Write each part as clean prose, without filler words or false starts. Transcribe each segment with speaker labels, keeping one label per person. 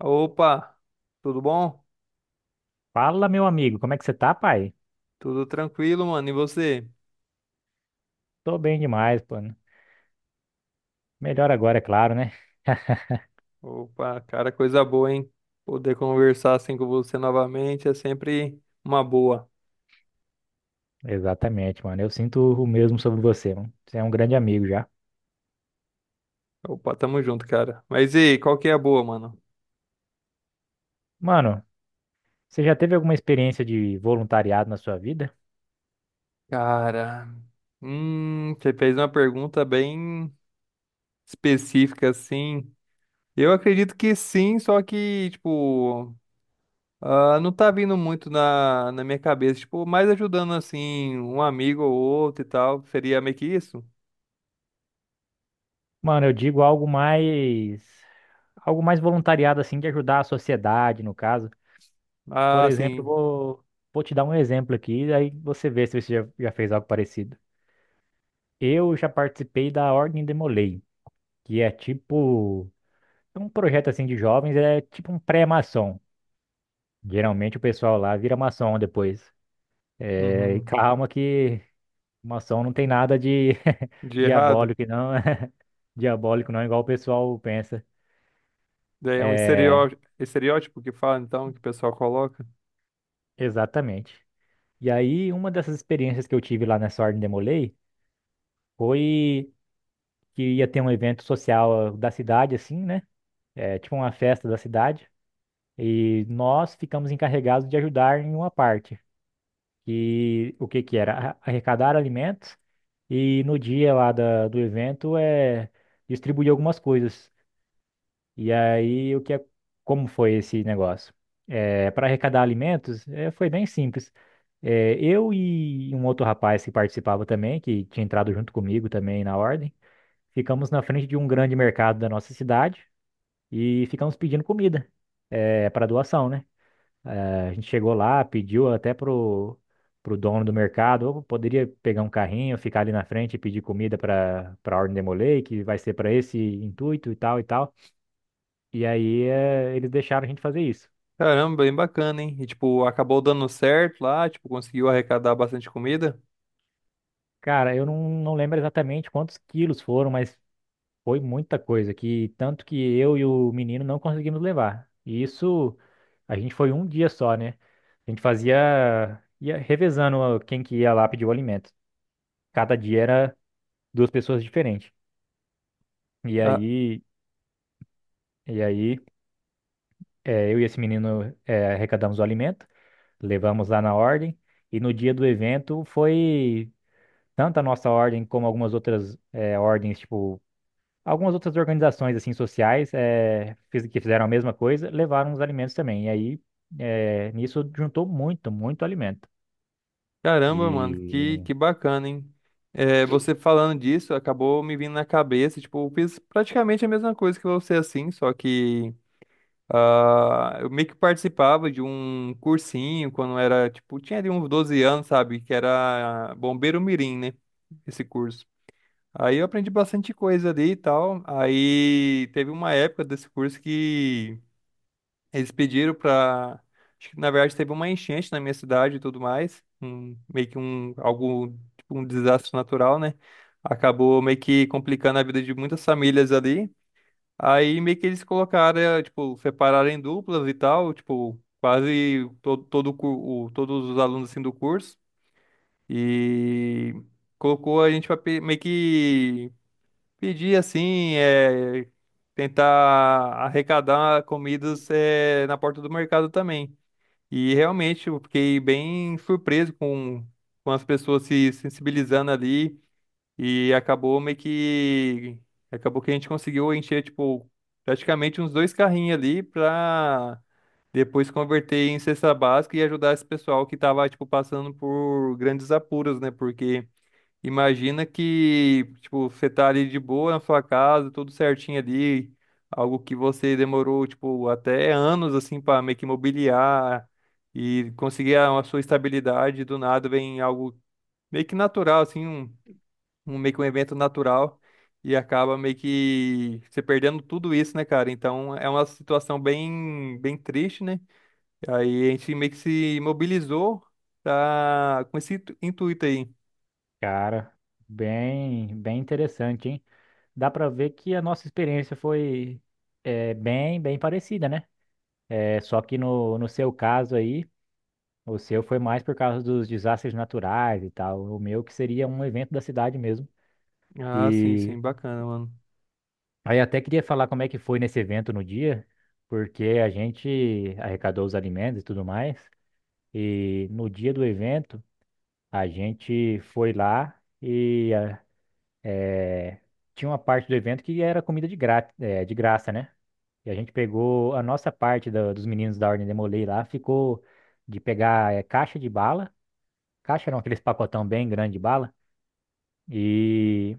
Speaker 1: Opa, tudo bom?
Speaker 2: Fala, meu amigo, como é que você tá, pai?
Speaker 1: Tudo tranquilo, mano. E você?
Speaker 2: Tô bem demais, pô. Né? Melhor agora, é claro, né?
Speaker 1: Opa, cara, coisa boa, hein? Poder conversar assim com você novamente é sempre uma boa.
Speaker 2: Exatamente, mano. Eu sinto o mesmo sobre você, mano. Você é um grande amigo já.
Speaker 1: Opa, tamo junto, cara. Mas e aí, qual que é a boa, mano?
Speaker 2: Mano, você já teve alguma experiência de voluntariado na sua vida?
Speaker 1: Cara, você fez uma pergunta bem específica, assim. Eu acredito que sim, só que, tipo, ah, não tá vindo muito na minha cabeça. Tipo, mais ajudando, assim, um amigo ou outro e tal. Seria meio que isso?
Speaker 2: Mano, eu digo algo mais. Algo mais voluntariado, assim, de ajudar a sociedade, no caso. Por
Speaker 1: Ah,
Speaker 2: exemplo,
Speaker 1: sim.
Speaker 2: vou te dar um exemplo aqui, aí você vê se você já fez algo parecido. Eu já participei da Ordem Demolei, que é tipo. É um projeto assim de jovens, é tipo um pré-maçom. Geralmente o pessoal lá vira maçom depois. É, e
Speaker 1: Uhum.
Speaker 2: calma que maçom não tem nada de
Speaker 1: De errado.
Speaker 2: diabólico, não. Diabólico não, igual o pessoal pensa.
Speaker 1: Daí é um
Speaker 2: É,
Speaker 1: estereótipo que fala, então, que o pessoal coloca.
Speaker 2: exatamente. E aí, uma dessas experiências que eu tive lá nessa Ordem Demolei foi que ia ter um evento social da cidade, assim, né? É, tipo uma festa da cidade. E nós ficamos encarregados de ajudar em uma parte. E o que que era? Arrecadar alimentos. E no dia lá do evento é distribuir algumas coisas. E aí o que é, como foi esse negócio? É, para arrecadar alimentos, é, foi bem simples. É, eu e um outro rapaz que participava também, que tinha entrado junto comigo também na ordem, ficamos na frente de um grande mercado da nossa cidade e ficamos pedindo comida, é, para doação, né? Eh, a gente chegou lá, pediu até pro dono do mercado: "Ô, poderia pegar um carrinho, ficar ali na frente e pedir comida para a Ordem Demolei, que vai ser para esse intuito e tal e tal." E aí eles deixaram a gente fazer isso.
Speaker 1: Caramba, bem bacana, hein? E, tipo, acabou dando certo lá, tipo, conseguiu arrecadar bastante comida.
Speaker 2: Cara, eu não, não lembro exatamente quantos quilos foram, mas foi muita coisa, que tanto que eu e o menino não conseguimos levar. E isso a gente foi um dia só, né? A gente fazia, ia revezando quem que ia lá pedir o alimento. Cada dia era duas pessoas diferentes. E
Speaker 1: Ah,
Speaker 2: aí, e aí, eu e esse menino arrecadamos o alimento, levamos lá na ordem, e no dia do evento foi tanto a nossa ordem como algumas outras ordens, tipo, algumas outras organizações assim sociais que fizeram a mesma coisa, levaram os alimentos também. E aí, nisso juntou muito alimento.
Speaker 1: caramba, mano,
Speaker 2: E,
Speaker 1: que bacana, hein? É, você falando disso, acabou me vindo na cabeça, tipo, eu fiz praticamente a mesma coisa que você, assim, só que ah, eu meio que participava de um cursinho quando era, tipo, tinha ali uns 12 anos, sabe? Que era Bombeiro Mirim, né? Esse curso. Aí eu aprendi bastante coisa ali e tal. Aí teve uma época desse curso que eles pediram pra. Acho que na verdade teve uma enchente na minha cidade e tudo mais. Um, meio que um algo tipo um desastre natural, né? Acabou meio que complicando a vida de muitas famílias ali. Aí meio que eles colocaram, tipo, separaram em duplas e tal, tipo, quase todo, todos os alunos assim do curso. E colocou a gente pra meio que pedir assim, é, tentar arrecadar comidas, é, na porta do mercado também. E realmente eu fiquei bem com as pessoas se sensibilizando ali e acabou que a gente conseguiu encher, tipo, praticamente uns dois carrinhos ali para depois converter em cesta básica e ajudar esse pessoal que tava tipo passando por grandes apuros, né? Porque imagina que, tipo, você tá ali de boa na sua casa, tudo certinho ali, algo que você demorou, tipo, até anos, assim, para meio que mobiliar e conseguir a sua estabilidade, do nada vem algo meio que natural, assim, um meio que um evento natural e acaba meio que você perdendo tudo isso, né, cara? Então é uma situação bem, bem triste, né? Aí a gente meio que se mobilizou tá, com esse intuito aí.
Speaker 2: cara, bem interessante, hein? Dá pra ver que a nossa experiência foi bem parecida, né? É só que no seu caso aí, o seu foi mais por causa dos desastres naturais e tal. O meu que seria um evento da cidade mesmo.
Speaker 1: Ah, sim,
Speaker 2: E
Speaker 1: sim, bacana, mano.
Speaker 2: aí até queria falar como é que foi nesse evento no dia, porque a gente arrecadou os alimentos e tudo mais. E no dia do evento, a gente foi lá e eh, tinha uma parte do evento que era comida de graça, né? E a gente pegou a nossa parte dos meninos da Ordem Demolei lá, ficou de pegar eh, caixa de bala caixa, não, aqueles pacotão bem grande de bala, e,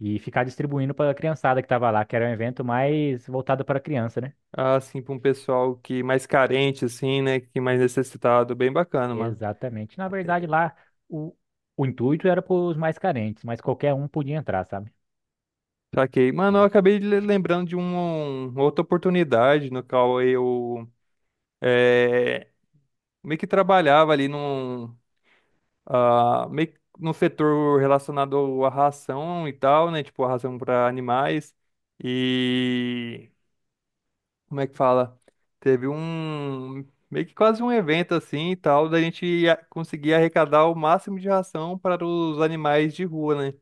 Speaker 2: e ficar distribuindo para a criançada que estava lá, que era um evento mais voltado para criança, né?
Speaker 1: Ah, assim, pra um pessoal que mais carente, assim, né? Que mais necessitado. Bem bacana, mano.
Speaker 2: Exatamente. Na verdade, lá o, o intuito era para os mais carentes, mas qualquer um podia entrar, sabe?
Speaker 1: Saquei. Mano, eu
Speaker 2: E,
Speaker 1: acabei de lembrando de um, uma outra oportunidade no qual eu é, meio que trabalhava ali num, ah, meio que num setor relacionado à ração e tal, né? Tipo, a ração para animais. E como é que fala? Teve um meio que quase um evento assim e tal, conseguir arrecadar o máximo de ração para os animais de rua, né?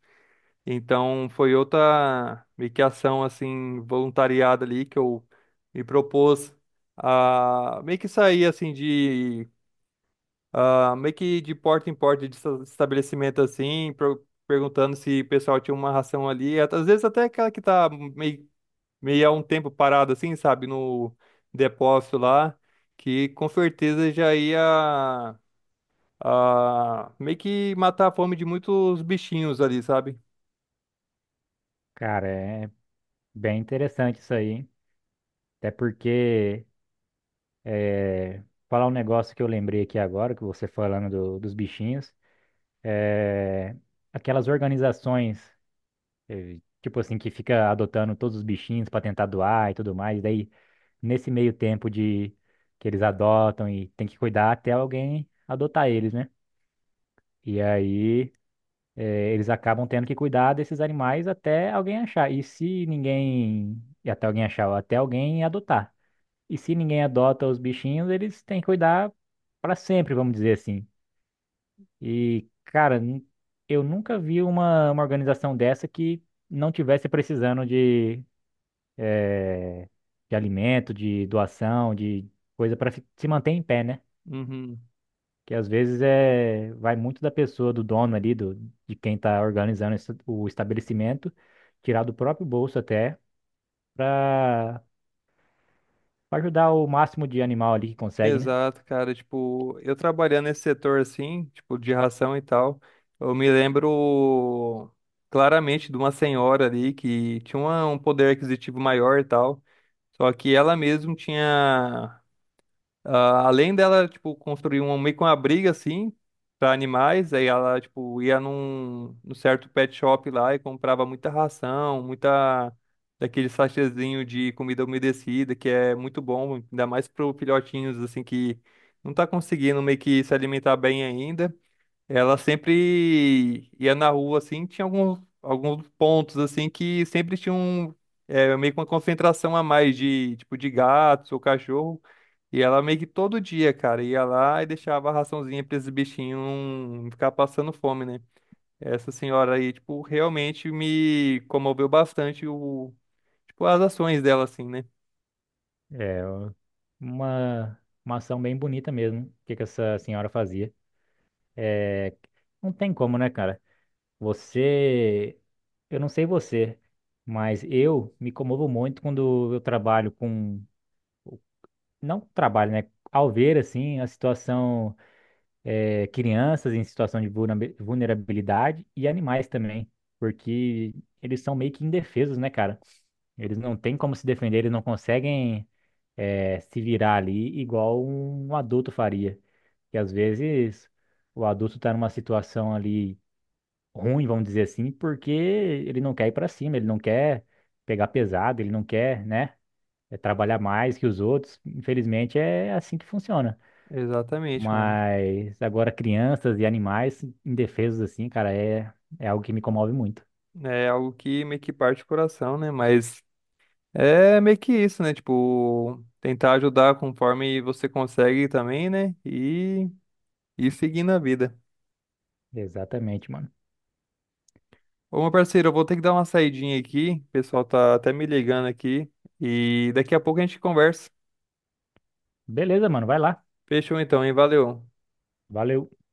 Speaker 1: Então foi outra meio que ação assim voluntariada ali que eu me propus a meio que sair assim de ah, meio que de porta em porta de estabelecimento assim, perguntando se o pessoal tinha uma ração ali, às vezes até aquela que tá meio meio a um tempo parado assim, sabe, no depósito lá, que com certeza já ia, a, meio que matar a fome de muitos bichinhos ali, sabe?
Speaker 2: cara, é bem interessante isso aí, hein? Até porque, é, falar um negócio que eu lembrei aqui agora, que você falando dos bichinhos, é, aquelas organizações tipo assim, que fica adotando todos os bichinhos para tentar doar e tudo mais. Daí, nesse meio tempo de que eles adotam e tem que cuidar até alguém adotar eles, né? E aí, eles acabam tendo que cuidar desses animais até alguém achar. E se ninguém. E até alguém achar, ou até alguém adotar. E se ninguém adota os bichinhos, eles têm que cuidar para sempre, vamos dizer assim. E, cara, eu nunca vi uma organização dessa que não tivesse precisando de alimento, de doação, de coisa para se manter em pé, né?
Speaker 1: Uhum.
Speaker 2: Que às vezes é vai muito da pessoa, do dono ali, de quem está organizando o estabelecimento, tirar do próprio bolso até para ajudar o máximo de animal ali que consegue, né?
Speaker 1: Exato, cara, tipo, eu trabalhando nesse setor assim, tipo, de ração e tal, eu me lembro claramente de uma senhora ali que tinha um poder aquisitivo maior e tal, só que ela mesma tinha ah, além dela, tipo, construir um, meio que uma briga, assim, pra animais, aí ela, tipo, ia num certo pet shop lá e comprava muita ração, muita daquele sachêzinho de comida umedecida, que é muito bom, ainda mais pro filhotinhos, assim, que não tá conseguindo meio que se alimentar bem ainda. Ela sempre ia na rua, assim, tinha alguns pontos, assim, que sempre tinha um, é, meio que uma concentração a mais de, tipo, de gatos ou cachorro, e ela meio que todo dia, cara, ia lá e deixava a raçãozinha pra esses bichinhos não ficar passando fome, né? Essa senhora aí, tipo, realmente me comoveu bastante o, tipo, as ações dela, assim, né?
Speaker 2: É uma ação bem bonita mesmo, o que que essa senhora fazia. É, não tem como, né, cara? Você, eu não sei você, mas eu me comovo muito quando eu trabalho com não trabalho, né? Ao ver, assim, a situação, crianças em situação de vulnerabilidade e animais também, porque eles são meio que indefesos, né, cara? Eles não têm como se defender, eles não conseguem, se virar ali igual um adulto faria. E às vezes o adulto tá numa situação ali ruim, vamos dizer assim, porque ele não quer ir pra cima, ele não quer pegar pesado, ele não quer, né? É trabalhar mais que os outros. Infelizmente, é assim que funciona.
Speaker 1: Exatamente, mano.
Speaker 2: Mas agora crianças e animais indefesos assim, cara, é algo que me comove muito.
Speaker 1: É algo que meio que parte o coração, né? Mas é meio que isso, né? Tipo, tentar ajudar conforme você consegue também, né? E seguindo a vida.
Speaker 2: Exatamente, mano.
Speaker 1: Ô, meu parceiro, eu vou ter que dar uma saidinha aqui. O pessoal tá até me ligando aqui. E daqui a pouco a gente conversa.
Speaker 2: Beleza, mano, vai lá.
Speaker 1: Fechou então, hein? Valeu.
Speaker 2: Valeu.